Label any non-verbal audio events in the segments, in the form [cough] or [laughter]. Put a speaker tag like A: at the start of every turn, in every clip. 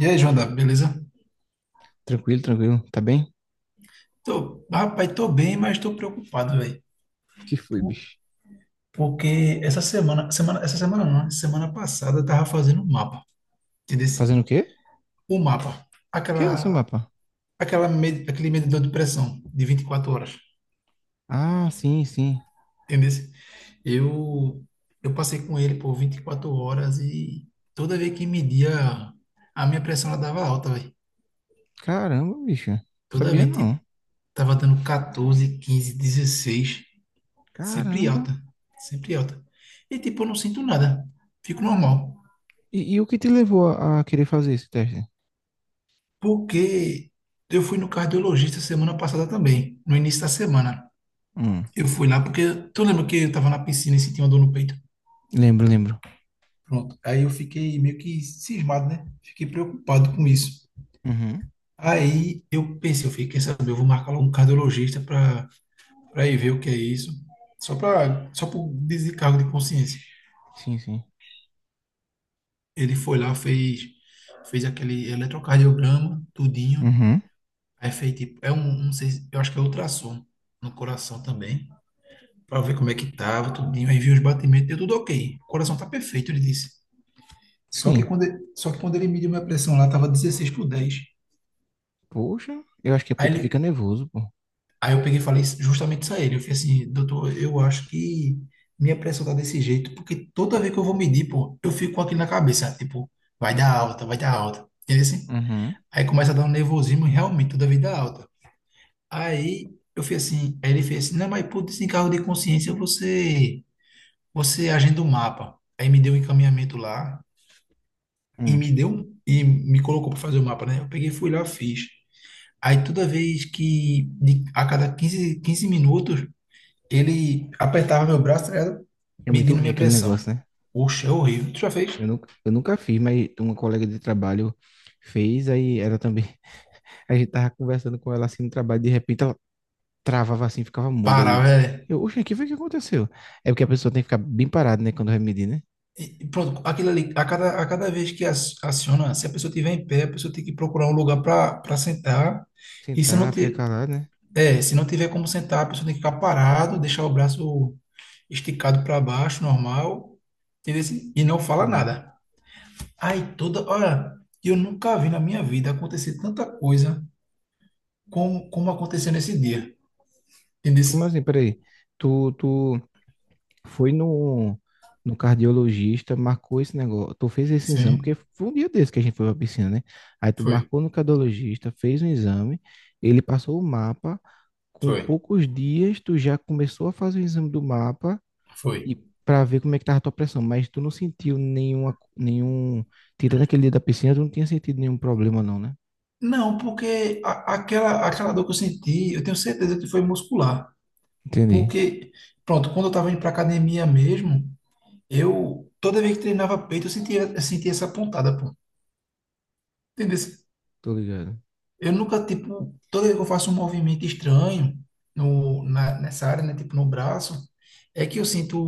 A: E aí, Joana, beleza?
B: Tranquilo, tranquilo. Tá bem?
A: Tô, rapaz, tô bem, mas tô preocupado, velho.
B: O que foi,
A: Por-
B: bicho?
A: Porque essa semana, essa semana não, né? Semana passada eu tava fazendo um mapa, entendeu?
B: Fazendo o quê?
A: O mapa,
B: Que
A: aquela,
B: isso, mapa?
A: aquele medidor de pressão de 24 horas,
B: Ah, sim, sim.
A: entendeu? Eu, eu passei com ele por 24 horas e toda vez que media, a minha pressão ela dava alta, velho.
B: Caramba, bicho.
A: Toda
B: Sabia
A: vez,
B: não.
A: tipo, tava dando 14, 15, 16. Sempre
B: Caramba.
A: alta. Sempre alta. E tipo, eu não sinto nada. Fico normal.
B: E o que te levou a querer fazer esse teste?
A: Porque eu fui no cardiologista semana passada também, no início da semana.
B: Hum,
A: Eu fui lá porque tu lembra que eu tava na piscina e senti uma dor no peito?
B: lembro, lembro.
A: Pronto. Aí eu fiquei meio que cismado, né? Fiquei preocupado com isso.
B: Uhum.
A: Aí eu pensei, eu fiquei, quer saber, eu vou marcar logo um cardiologista para ir ver o que é isso, só por descargo de consciência.
B: Sim, sim.
A: Ele foi lá, fez aquele eletrocardiograma, tudinho.
B: Uhum.
A: Aí fez tipo, é um, não sei, eu acho que é ultrassom no coração também, pra ver como é que tava, tudinho, aí viu os batimentos, deu tudo ok. O coração tá perfeito, ele disse. Só que
B: Sim.
A: quando ele, só que quando ele mediu minha pressão lá, tava 16 por 10.
B: Poxa, eu acho que é porque
A: Aí,
B: tu fica
A: ele,
B: nervoso, pô.
A: aí eu peguei e falei justamente isso a ele. Eu falei assim, doutor, eu acho que minha pressão tá desse jeito, porque toda vez que eu vou medir, pô, eu fico com aquilo na cabeça, tipo, vai dar alta, vai dar alta. Entendeu assim?
B: Uhum.
A: Aí começa a dar um nervosismo, e realmente, toda vez dá alta. Aí eu fui assim, aí ele fez assim, não, mas por desencargo de consciência você agenda o mapa. Aí me deu um encaminhamento lá e
B: Hum.
A: e me colocou para fazer o mapa, né? Eu peguei, fui lá, fiz. Aí toda vez a cada quinze minutos ele apertava meu braço, tá ligado?
B: É muito
A: Medindo
B: ruim
A: minha
B: aquele
A: pressão.
B: negócio, né?
A: Oxe, é horrível. Tu já fez?
B: Eu nunca fiz, mas uma colega de trabalho fez, aí ela também. [laughs] A gente tava conversando com ela assim no trabalho, de repente travava assim, ficava muda. E
A: Para,
B: eu,
A: velho.
B: eu, oxe, aqui foi o que aconteceu. É porque a pessoa tem que ficar bem parada, né? Quando vai medir, né?
A: Pronto, aquilo ali, a cada vez que aciona, se a pessoa estiver em pé, a pessoa tem que procurar um lugar para sentar. E se não
B: Sentar, fica
A: tiver.
B: calado, né?
A: É, se não tiver como sentar, a pessoa tem que ficar parado, deixar o braço esticado para baixo, normal, entendeu? Assim, e não fala
B: Entendi.
A: nada. Aí toda hora, eu nunca vi na minha vida acontecer tanta coisa como aconteceu nesse dia, entendeu?
B: Como assim? Peraí. Tu foi no cardiologista, marcou esse negócio. Tu fez esse exame, porque
A: Sim,
B: foi um dia desse que a gente foi pra piscina, né? Aí tu
A: foi,
B: marcou no cardiologista, fez um exame, ele passou o mapa. Com
A: foi,
B: poucos dias, tu já começou a fazer o exame do mapa
A: foi.
B: e para ver como é que tava a tua pressão, mas tu não sentiu nenhum, tirando aquele dia da piscina, tu não tinha sentido nenhum problema não, né?
A: Não, porque aquela dor que eu senti, eu tenho certeza que foi muscular.
B: Entendi.
A: Porque, pronto, quando eu estava indo para academia mesmo, eu, toda vez que treinava peito, eu sentia essa pontada, pô. Entendeu?
B: Tô ligado.
A: Eu nunca, tipo, toda vez que eu faço um movimento estranho no, na, nessa área, né? Tipo, no braço, é que eu sinto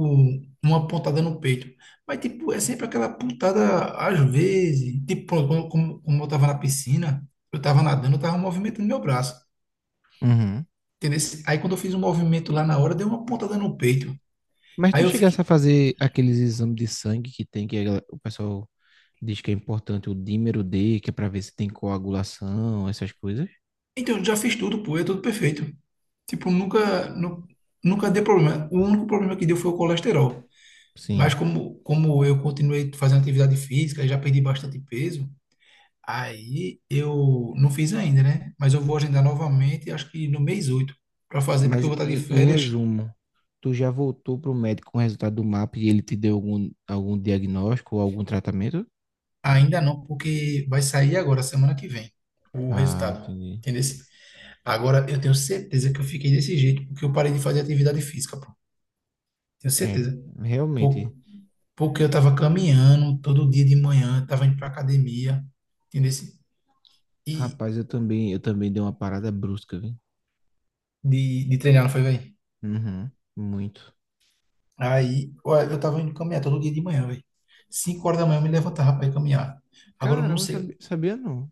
A: uma pontada no peito. Mas, tipo, é sempre aquela pontada, às vezes. Tipo, pronto, como eu tava na piscina, eu tava nadando, eu tava movimentando meu braço.
B: Uhum.
A: Entendeu? Aí, quando eu fiz um movimento lá na hora, deu uma pontada no peito.
B: Mas tu
A: Aí eu
B: chegasse a
A: fiquei,
B: fazer aqueles exames de sangue que tem, que a o pessoal diz que é importante, o dímero D, que é para ver se tem coagulação, essas coisas.
A: então, eu já fiz tudo, pô, é tudo perfeito. Tipo,
B: Então,
A: nunca deu problema. O único problema que deu foi o colesterol. Mas
B: sim.
A: como eu continuei fazendo atividade física e já perdi bastante peso, aí eu não fiz ainda, né? Mas eu vou agendar novamente, acho que no mês 8 para fazer, porque
B: Mas
A: eu vou estar de
B: em, em
A: férias.
B: resumo, tu já voltou pro médico com o resultado do MAP e ele te deu algum, algum diagnóstico ou algum tratamento?
A: Ainda não, porque vai sair agora, semana que vem, o
B: Ah,
A: resultado.
B: entendi.
A: Entendeu? Agora eu tenho certeza que eu fiquei desse jeito, porque eu parei de fazer atividade física, pô. Tenho
B: É,
A: certeza.
B: realmente.
A: Por- Porque eu estava caminhando todo dia de manhã, estava indo para academia, entendeu? E
B: Rapaz, eu também dei uma parada brusca, viu?
A: de treinar, não foi, velho?
B: Uhum, muito.
A: Aí, ó, eu tava indo caminhar todo dia de manhã, velho. 5 horas da manhã eu me levantava para ir caminhar. Agora eu não
B: Caramba, eu
A: sei
B: sabia, sabia não.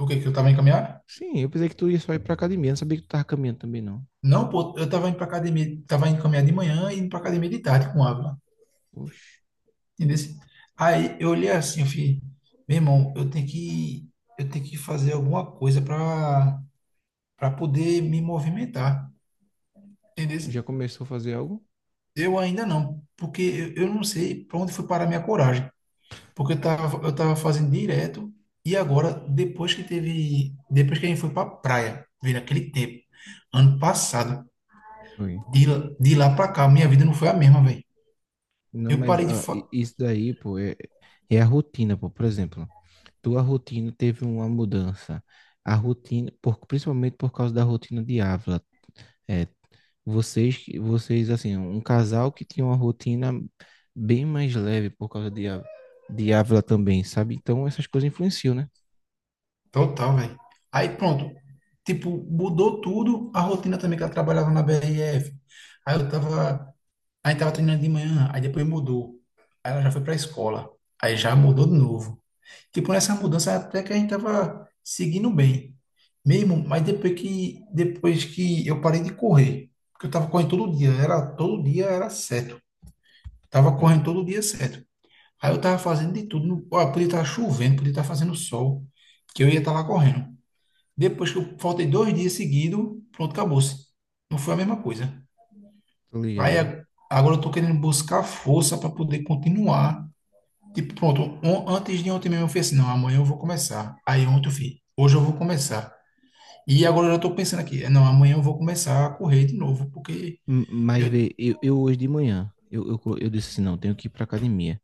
A: o que que eu tava indo caminhar.
B: Sim, eu pensei que tu ia só ir pra academia, não sabia que tu tava caminhando também, não.
A: Não, pô, eu tava indo pra academia, tava indo caminhar de manhã e indo pra academia de tarde com Ávila,
B: Oxe,
A: entendeu? Aí eu olhei assim, eu falei, meu irmão, eu tenho que fazer alguma coisa para poder me movimentar, entendeu?
B: já começou a fazer algo?
A: Eu ainda não, porque eu não sei para onde foi parar minha coragem. Porque eu tava fazendo direto e agora, depois que teve, depois que a gente foi pra praia, veio naquele tempo, ano passado,
B: Foi.
A: de lá pra cá, minha vida não foi a mesma, velho.
B: Não,
A: Eu
B: mas
A: parei de
B: ó,
A: fa...
B: isso daí, pô, é, é a rotina, pô. Por exemplo, tua rotina teve uma mudança. A rotina, por, principalmente por causa da rotina de Ávila. É, vocês, assim, um casal que tinha uma rotina bem mais leve por causa de, de Ávila também, sabe? Então essas coisas influenciam, né?
A: total, velho. Aí pronto, tipo, mudou tudo, a rotina também que ela trabalhava na BRF. Aí eu tava, aí tava treinando de manhã, aí depois mudou. Aí ela já foi pra escola, aí já mudou de novo. Tipo, nessa mudança até que a gente tava seguindo bem. Mesmo, mas depois que eu parei de correr, porque eu tava correndo todo dia era certo. Tava
B: Hum,
A: correndo todo dia certo. Aí eu tava fazendo de tudo, ó, podia estar chovendo, podia estar fazendo sol, que eu ia estar lá correndo. Depois que eu faltei 2 dias seguidos, pronto, acabou-se. Não foi a mesma coisa.
B: tô
A: Aí
B: ligado.
A: a- Agora eu tô querendo buscar força para poder continuar. Tipo, pronto, antes de ontem mesmo eu fiz assim, não, amanhã eu vou começar. Aí ontem eu fiz, hoje eu vou começar. E agora eu já tô pensando aqui, é, não, amanhã eu vou começar a correr de novo, porque
B: Mas
A: eu,
B: vê, eu hoje de manhã, eu disse assim, não, tenho que ir pra academia.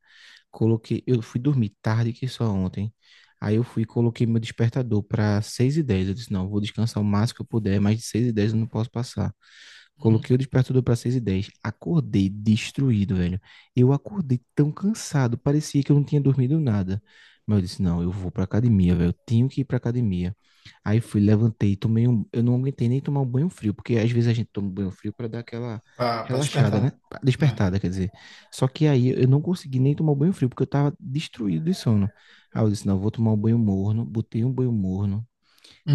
B: Coloquei, eu fui dormir tarde que só ontem. Aí eu fui e coloquei meu despertador para seis e dez. Eu disse, não, vou descansar o máximo que eu puder, mais de seis e dez eu não posso passar. Coloquei o despertador para 6 e 10. Acordei destruído, velho. Eu acordei tão cansado, parecia que eu não tinha dormido nada. Mas eu disse, não, eu vou pra academia, velho. Eu tenho que ir pra academia. Aí fui, levantei, tomei um... Eu não aguentei nem tomar um banho frio, porque às vezes a gente toma um banho frio para dar aquela
A: pra
B: relaxada, né?
A: despertar, né?
B: Despertada, quer dizer. Só que aí eu não consegui nem tomar um banho frio, porque eu tava destruído de sono. Aí eu disse, não, eu vou tomar um banho morno. Botei um banho morno,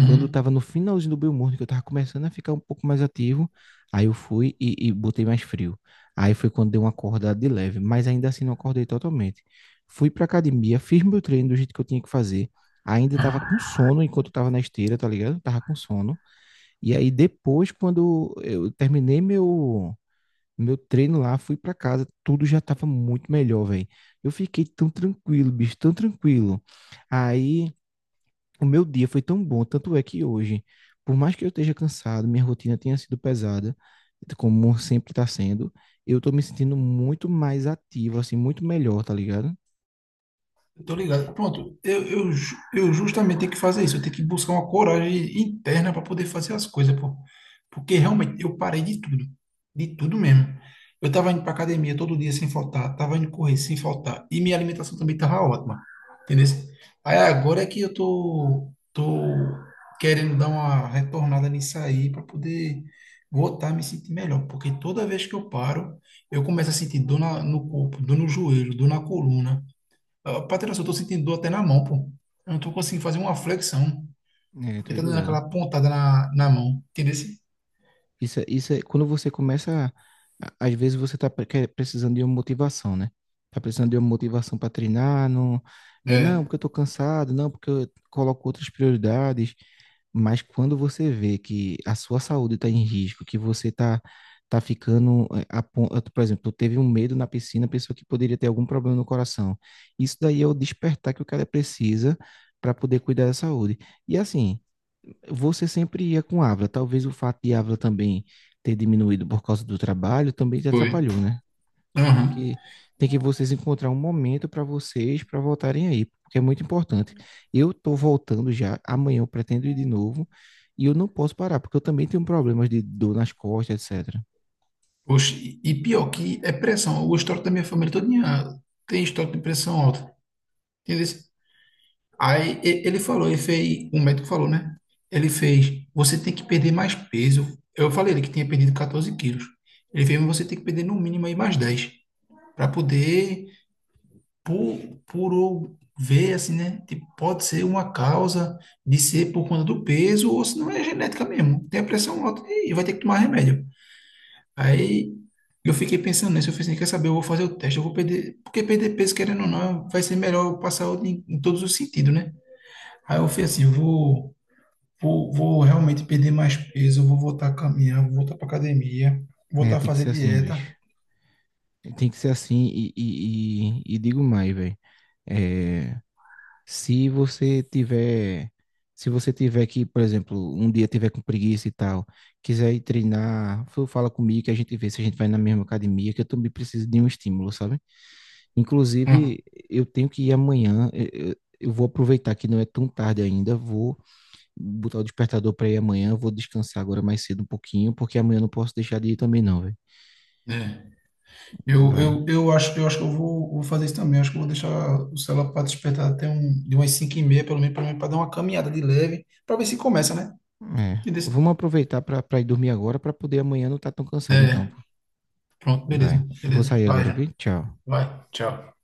B: quando estava no finalzinho do Belmorno, que eu estava começando a ficar um pouco mais ativo, aí eu fui e botei mais frio. Aí foi quando deu uma acordada de leve, mas ainda assim não acordei totalmente. Fui pra academia, fiz meu treino do jeito que eu tinha que fazer. Ainda estava com
A: Uhum.
B: sono enquanto eu tava na esteira, tá ligado? Tava com sono. E aí depois, quando eu terminei meu treino lá, fui pra casa, tudo já tava muito melhor, velho. Eu fiquei tão tranquilo, bicho, tão tranquilo. Aí o meu dia foi tão bom, tanto é que hoje, por mais que eu esteja cansado, minha rotina tenha sido pesada, como sempre está sendo, eu tô me sentindo muito mais ativo, assim, muito melhor, tá ligado?
A: Tô ligado. Pronto, eu justamente tenho que fazer isso. Eu tenho que buscar uma coragem interna para poder fazer as coisas, pô. Porque realmente eu parei de tudo mesmo. Eu tava indo para academia todo dia sem faltar, tava indo correr sem faltar e minha alimentação também tava ótima, entendeu? Aí agora é que eu tô querendo dar uma retornada nisso aí para poder voltar a me sentir melhor, porque toda vez que eu paro, eu começo a sentir dor no corpo, dor no joelho, dor na coluna. Ó, Patrocínio, eu tô sentindo dor até na mão, pô. Eu não tô conseguindo fazer uma flexão,
B: É, tô
A: porque tá dando
B: ligado.
A: aquela pontada na mão. Entendeu?
B: Isso, isso é quando você começa, às vezes você está precisando de uma motivação, né? Tá precisando de uma motivação para treinar, não, é não,
A: É,
B: porque eu tô cansado, não, porque eu coloco outras prioridades, mas quando você vê que a sua saúde está em risco, que você tá ficando, é, a eu, por exemplo, teve um medo na piscina, pessoa que poderia ter algum problema no coração. Isso daí é o despertar que o cara precisa para poder cuidar da saúde. E assim, você sempre ia com Ávila. Talvez o fato de Ávila também ter diminuído por causa do trabalho também te
A: foi.
B: atrapalhou, né? Tem
A: Aham.
B: que, tem que vocês encontrar um momento para vocês, para voltarem aí, porque é muito importante. Eu tô voltando já, amanhã eu pretendo ir de novo, e eu não posso parar, porque eu também tenho problemas de dor nas costas, etc.
A: Poxa, e pior que é pressão. O histórico da minha família todinha tem histórico de pressão alta. Entendeu? Ele falou, ele fez, o médico falou, né? Ele fez, você tem que perder mais peso. Eu falei ele que tinha perdido 14 quilos. Ele fez, mas você tem que perder no mínimo aí mais 10 para poder por, por eu ver, assim, né? Tipo, pode ser uma causa de ser por conta do peso, ou se não é genética mesmo. Tem a pressão alta e vai ter que tomar remédio. Aí eu fiquei pensando nisso, eu falei assim, quer saber, eu vou fazer o teste, eu vou perder, porque perder peso, querendo ou não, vai ser melhor eu passar em todos os sentidos, né? Aí eu falei assim, eu vou realmente perder mais peso, eu vou voltar a caminhar, vou voltar para academia,
B: É,
A: voltar a
B: tem que
A: fazer
B: ser assim,
A: dieta.
B: bicho. Tem que ser assim, e digo mais, velho. É, se você tiver, se você tiver que, por exemplo, um dia tiver com preguiça e tal, quiser ir treinar, fala comigo que a gente vê se a gente vai na mesma academia, que eu também preciso de um estímulo, sabe?
A: Uhum.
B: Inclusive, eu tenho que ir amanhã, eu vou aproveitar que não é tão tarde ainda, vou botar o despertador para ir amanhã, vou descansar agora mais cedo um pouquinho, porque amanhã eu não posso deixar de ir também não, velho.
A: É. Eu,
B: Vai.
A: eu, eu acho, eu acho que eu vou fazer isso também. Acho que eu vou deixar o celular para despertar de umas 5h30, pelo menos para dar uma caminhada de leve, para ver se começa, né?
B: É.
A: Entendeu?
B: Vamos aproveitar para ir dormir agora para poder amanhã não estar tão cansado então,
A: É,
B: pô.
A: pronto,
B: Vai.
A: beleza,
B: Vou
A: beleza.
B: sair
A: Vai,
B: agora,
A: já.
B: viu? Tchau.
A: Vai, tchau.